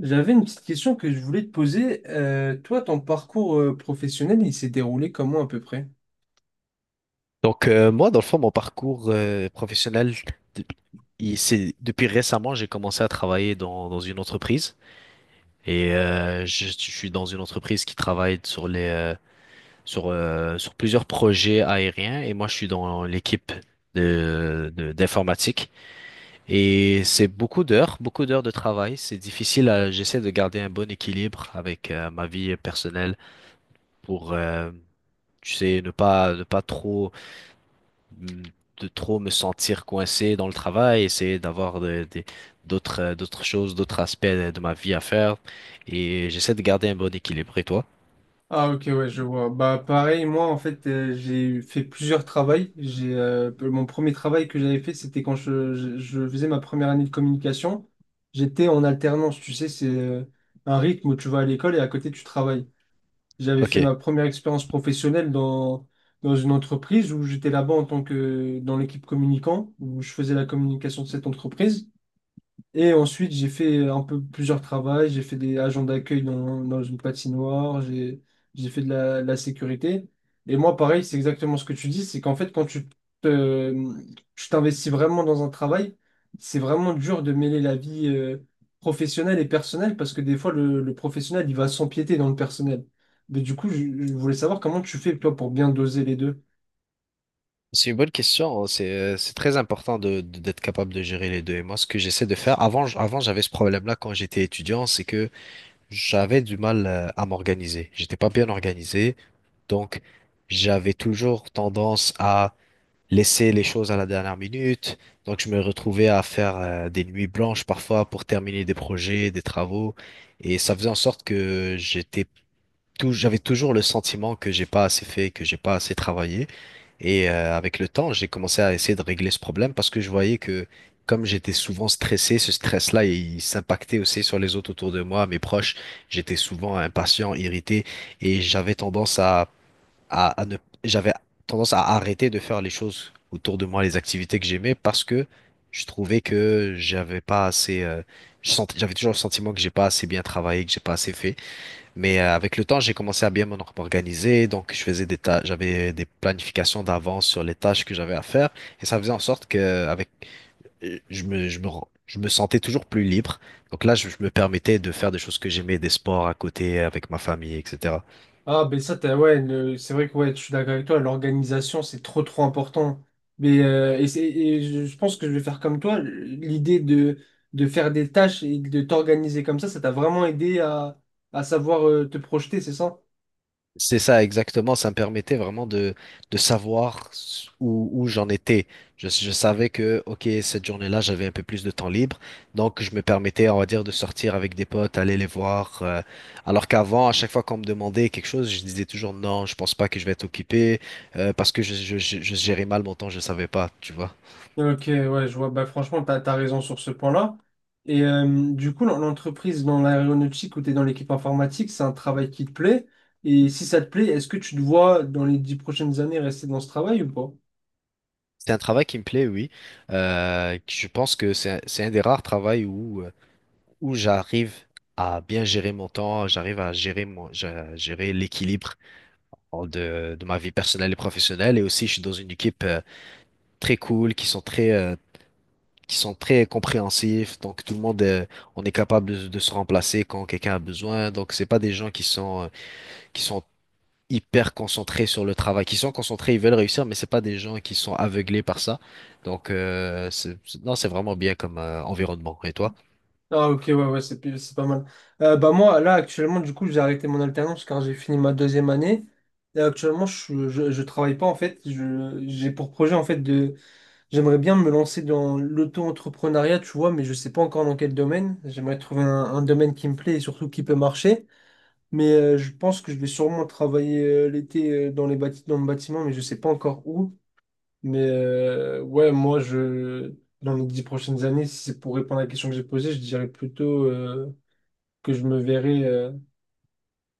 J'avais une petite question que je voulais te poser. Toi, ton parcours professionnel, il s'est déroulé comment à peu près? Moi, dans le fond, mon parcours professionnel, de- c'est depuis récemment, j'ai commencé à travailler dans une entreprise et je suis dans une entreprise qui travaille sur les sur plusieurs projets aériens et moi, je suis dans l'équipe d'informatique et c'est beaucoup d'heures de travail. C'est difficile. J'essaie de garder un bon équilibre avec ma vie personnelle pour tu sais ne pas trop de trop me sentir coincé dans le travail, essayer d'avoir d'autres, d'autres choses, d'autres aspects de ma vie à faire. Et j'essaie de garder un bon équilibre. Et toi? Ah ok, ouais, je vois. Bah pareil, moi en fait, j'ai fait plusieurs travails. J'ai mon premier travail que j'avais fait, c'était quand je faisais ma première année de communication. J'étais en alternance, tu sais, c'est un rythme où tu vas à l'école et à côté tu travailles. J'avais Ok. fait ma première expérience professionnelle dans une entreprise où j'étais là-bas en tant que dans l'équipe communicant, où je faisais la communication de cette entreprise. Et ensuite, j'ai fait un peu plusieurs travaux. J'ai fait des agents d'accueil dans une patinoire. J'ai fait de de la sécurité. Et moi, pareil, c'est exactement ce que tu dis. C'est qu'en fait, te- tu t'investis vraiment dans un travail, c'est vraiment dur de mêler la vie professionnelle et personnelle parce que des fois, le professionnel, il va s'empiéter dans le personnel. Mais du coup, je voulais savoir comment tu fais, toi, pour bien doser les deux. C'est une bonne question, hein. C'est très important d'être capable de gérer les deux. Et moi, ce que j'essaie de faire, avant, avant j'avais ce problème-là quand j'étais étudiant, c'est que j'avais du mal à m'organiser. J'étais pas bien organisé. Donc, j'avais toujours tendance à laisser les choses à la dernière minute. Donc, je me retrouvais à faire des nuits blanches parfois pour terminer des projets, des travaux. Et ça faisait en sorte que j'avais toujours le sentiment que j'ai pas assez fait, que j'ai pas assez travaillé. Et avec le temps, j'ai commencé à essayer de régler ce problème parce que je voyais que comme j'étais souvent stressé, ce stress-là, il s'impactait aussi sur les autres autour de moi, mes proches. J'étais souvent impatient, irrité et j'avais tendance à ne, j'avais tendance à arrêter de faire les choses autour de moi, les activités que j'aimais, parce que je trouvais que j'avais pas assez, j'avais toujours le sentiment que j'ai pas assez bien travaillé, que j'ai pas assez fait. Mais avec le temps, j'ai commencé à bien m'organiser, donc je faisais des tâches, j'avais des planifications d'avance sur les tâches que j'avais à faire, et ça faisait en sorte que je me sentais toujours plus libre. Donc là, je me permettais de faire des choses que j'aimais, des sports à côté, avec ma famille, etc. Ah, ben ça, t'as, ouais, c'est vrai que ouais, je suis d'accord avec toi, l'organisation, c'est trop trop important. Et je pense que je vais faire comme toi, de faire des tâches et de t'organiser comme ça t'a vraiment aidé à savoir te projeter, c'est ça? C'est ça, exactement. Ça me permettait vraiment de savoir où, où j'en étais. Je savais que, OK, cette journée-là, j'avais un peu plus de temps libre. Donc, je me permettais, on va dire, de sortir avec des potes, aller les voir. Alors qu'avant, à chaque fois qu'on me demandait quelque chose, je disais toujours non, je pense pas que je vais être occupé parce que je gérais mal mon temps, je savais pas, tu vois. Ok, ouais, je vois. Bah, franchement, t'as raison sur ce point-là. Et du coup, l'entreprise dans l'aéronautique où t'es dans l'équipe informatique, c'est un travail qui te plaît. Et si ça te plaît, est-ce que tu te vois dans les dix prochaines années rester dans ce travail ou pas? C'est un travail qui me plaît, oui. Je pense que c'est un des rares travails où où j'arrive à bien gérer mon temps, j'arrive à gérer à gérer l'équilibre de ma vie personnelle et professionnelle. Et aussi, je suis dans une équipe très cool, qui sont très compréhensifs. Donc, tout le monde, on est capable de se remplacer quand quelqu'un a besoin. Donc, c'est pas des gens qui sont hyper concentrés sur le travail, qui sont concentrés, ils veulent réussir, mais c'est pas des gens qui sont aveuglés par ça. Donc, non, c'est vraiment bien comme environnement. Et toi? Ah, ok, ouais, ouais, c'est pas mal. Bah, moi, là, actuellement, du coup, j'ai arrêté mon alternance car j'ai fini ma deuxième année. Et actuellement, je travaille pas, en fait. J'ai pour projet, en fait, de j'aimerais bien me lancer dans l'auto-entrepreneuriat, tu vois, mais je sais pas encore dans quel domaine. J'aimerais trouver un domaine qui me plaît et surtout qui peut marcher. Mais je pense que je vais sûrement travailler l'été dans le bâtiment, mais je sais pas encore où. Mais ouais, dans les dix prochaines années, si c'est pour répondre à la question que j'ai posée, je dirais plutôt que je me verrais,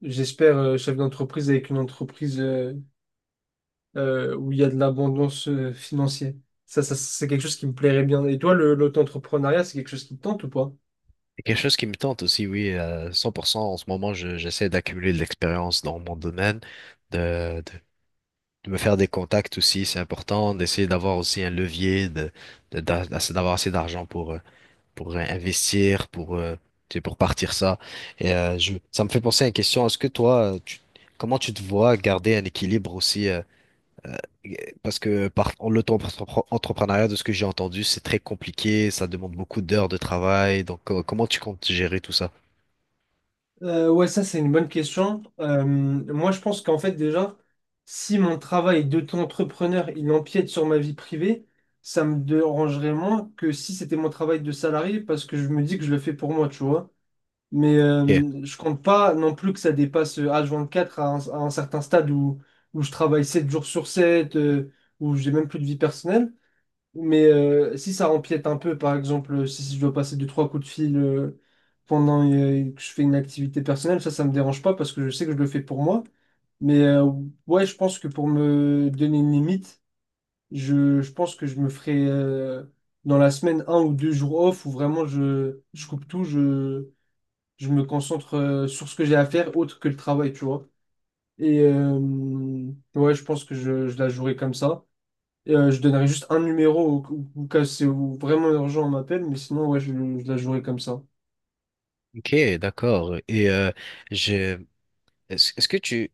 j'espère, chef d'entreprise avec une entreprise où il y a de l'abondance financière. Ça, c'est quelque chose qui me plairait bien. Et toi, l'auto-entrepreneuriat, c'est quelque chose qui te tente ou pas? C'est quelque chose qui me tente aussi, oui, 100%. En ce moment, j'essaie d'accumuler de l'expérience dans mon domaine, de, de, de me faire des contacts aussi, c'est important, d'essayer d'avoir aussi un levier, d'avoir assez d'argent pour investir, pour, tu sais, pour partir ça. Et ça me fait penser à une question. Est-ce que toi, comment tu te vois garder un équilibre aussi parce que l'auto-entrepreneuriat, de ce que j'ai entendu, c'est très compliqué, ça demande beaucoup d'heures de travail. Donc, comment tu comptes gérer tout ça? Ouais, ça c'est une bonne question. Moi je pense qu'en fait déjà, si mon travail d'auto-entrepreneur il empiète sur ma vie privée, ça me dérangerait moins que si c'était mon travail de salarié parce que je me dis que je le fais pour moi, tu vois. Mais Ok, je compte pas non plus que ça dépasse H24 à un certain stade où je travaille 7 jours sur 7, où j'ai même plus de vie personnelle. Mais si ça empiète un peu, par exemple, si je dois passer deux, trois coups de fil pendant que je fais une activité personnelle, ça me dérange pas parce que je sais que je le fais pour moi. Mais ouais, je pense que pour me donner une limite, je pense que je me ferai dans la semaine un ou deux jours off où vraiment je coupe tout, je me concentre sur ce que j'ai à faire autre que le travail, tu vois. Et ouais, je pense que je la jouerai comme ça. Je donnerai juste un numéro au cas où c'est où vraiment urgent, on m'appelle, mais sinon, ouais, je la jouerai comme ça. ok, d'accord. Et je, est-ce que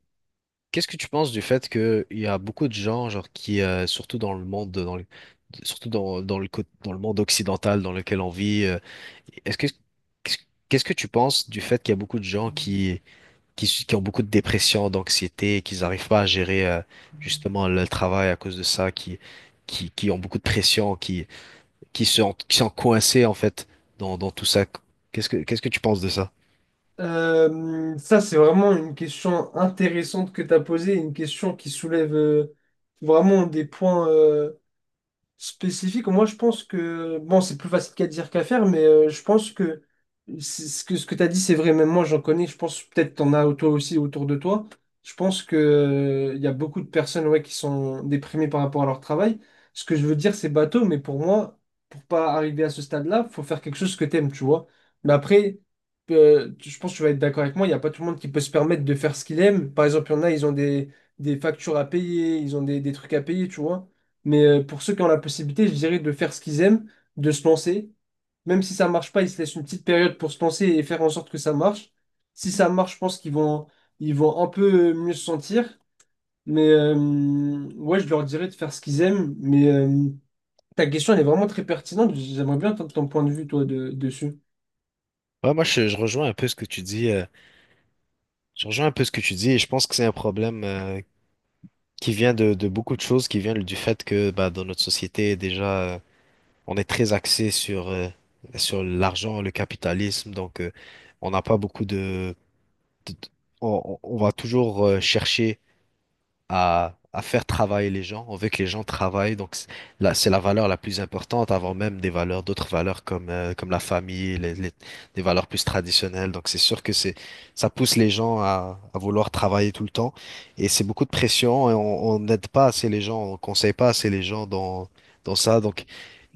qu'est-ce que tu penses du fait que il y a beaucoup de gens, genre surtout dans le monde, surtout dans le, dans le monde occidental dans lequel on vit, est-ce que, qu'est-ce qu'est-ce que tu penses du fait qu'il y a beaucoup de gens qui ont beaucoup de dépression, d'anxiété, qu'ils n'arrivent pas à gérer justement le travail à cause de ça, qui ont beaucoup de pression, qui se, qui sont coincés en fait dans tout ça. Qu'est-ce que tu penses de ça? Ça, c'est vraiment une question intéressante que tu as posée, une question qui soulève vraiment des points. Spécifique, moi je pense que, bon, c'est plus facile qu'à dire qu'à faire, mais je pense que ce que tu as dit, c'est vrai, même moi j'en connais, je pense peut-être t'en as toi aussi autour de toi. Je pense que, il y a beaucoup de personnes ouais, qui sont déprimées par rapport à leur travail. Ce que je veux dire, c'est bateau, mais pour moi, pour pas arriver à ce stade-là, faut faire quelque chose que t'aimes, tu vois. Mais après, je pense que tu vas être d'accord avec moi, il n'y a pas tout le monde qui peut se permettre de faire ce qu'il aime. Par exemple, il y en a, ils ont des factures à payer, ils ont des trucs à payer, tu vois. Mais pour ceux qui ont la possibilité, je dirais de faire ce qu'ils aiment, de se lancer. Même si ça marche pas, ils se laissent une petite période pour se lancer et faire en sorte que ça marche. Si ça marche, je pense qu'ils vont, ils vont un peu mieux se sentir. Mais ouais, je leur dirais de faire ce qu'ils aiment. Mais ta question, elle est vraiment très pertinente. J'aimerais bien entendre ton point de vue, toi, dessus. Je rejoins un peu ce que tu dis. Je rejoins un peu ce que tu dis et je pense que c'est un problème qui vient de beaucoup de choses, qui vient du fait que bah, dans notre société, déjà, on est très axé sur l'argent, le capitalisme. Donc, on n'a pas beaucoup de- on va toujours chercher à faire travailler les gens. On veut que les gens travaillent, là, c'est la valeur la plus importante avant même des valeurs, d'autres valeurs comme la famille, des valeurs plus traditionnelles. Donc c'est sûr que ça pousse les gens à vouloir travailler tout le temps et c'est beaucoup de pression et on n'aide pas assez les gens, on conseille pas assez les gens dans ça. Donc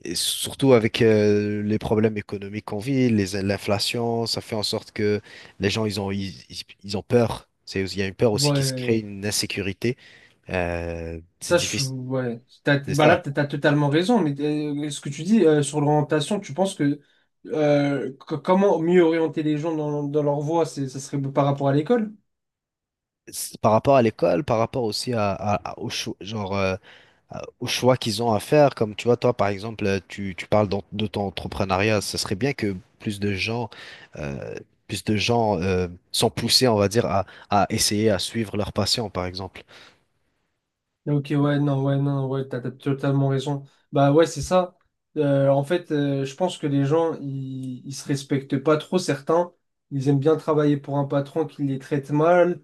et surtout avec les problèmes économiques qu'on vit, l'inflation, ça fait en sorte que les gens, ils ont peur. C'est, il y a une peur aussi qui se crée, Ouais. une insécurité. C'est difficile, T'as, c'est bah là, ça. t'as totalement raison, mais ce que tu dis sur l'orientation, tu penses que, co- comment mieux orienter les gens dans leur voie, ça serait par rapport à l'école? C'est par rapport à l'école, par rapport aussi au choix qu'ils ont à faire, comme tu vois, toi par exemple, tu parles de ton entrepreneuriat, ce serait bien que plus de gens, euh, sont poussés, on va dire, à essayer à suivre leur passion, par exemple. Ok, ouais, non, ouais, non, ouais, t'as totalement raison. Bah ouais, c'est ça. Je pense que les gens, ils se respectent pas trop, certains. Ils aiment bien travailler pour un patron qui les traite mal,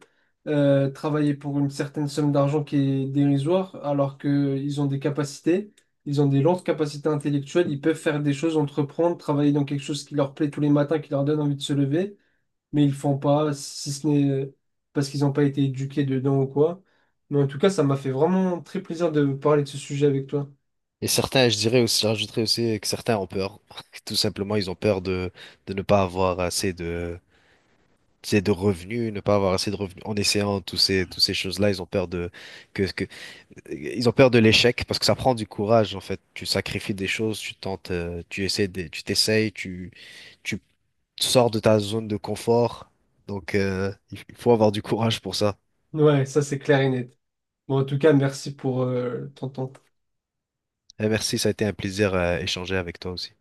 travailler pour une certaine somme d'argent qui est dérisoire, alors qu'ils ont des capacités, ils ont des lentes capacités intellectuelles, ils peuvent faire des choses, entreprendre, travailler dans quelque chose qui leur plaît tous les matins, qui leur donne envie de se lever mais ils font pas, si ce n'est parce qu'ils n'ont pas été éduqués dedans ou quoi. Mais en tout cas, ça m'a fait vraiment très plaisir de parler de ce sujet avec toi. Et certains, je dirais aussi, j'ajouterais aussi que certains ont peur. Tout simplement, ils ont peur de ne pas avoir assez de revenus, ne pas avoir assez de revenus en essayant toutes ces choses-là, ils ont peur de que ils ont peur de l'échec parce que ça prend du courage en fait. Tu sacrifies des choses, tu tentes, tu essaies tu t'essayes, tu sors de ta zone de confort. Donc il faut avoir du courage pour ça. Ouais, ça c'est clair et net. Bon, en tout cas, merci pour ton temps. Et merci, ça a été un plaisir à échanger avec toi aussi.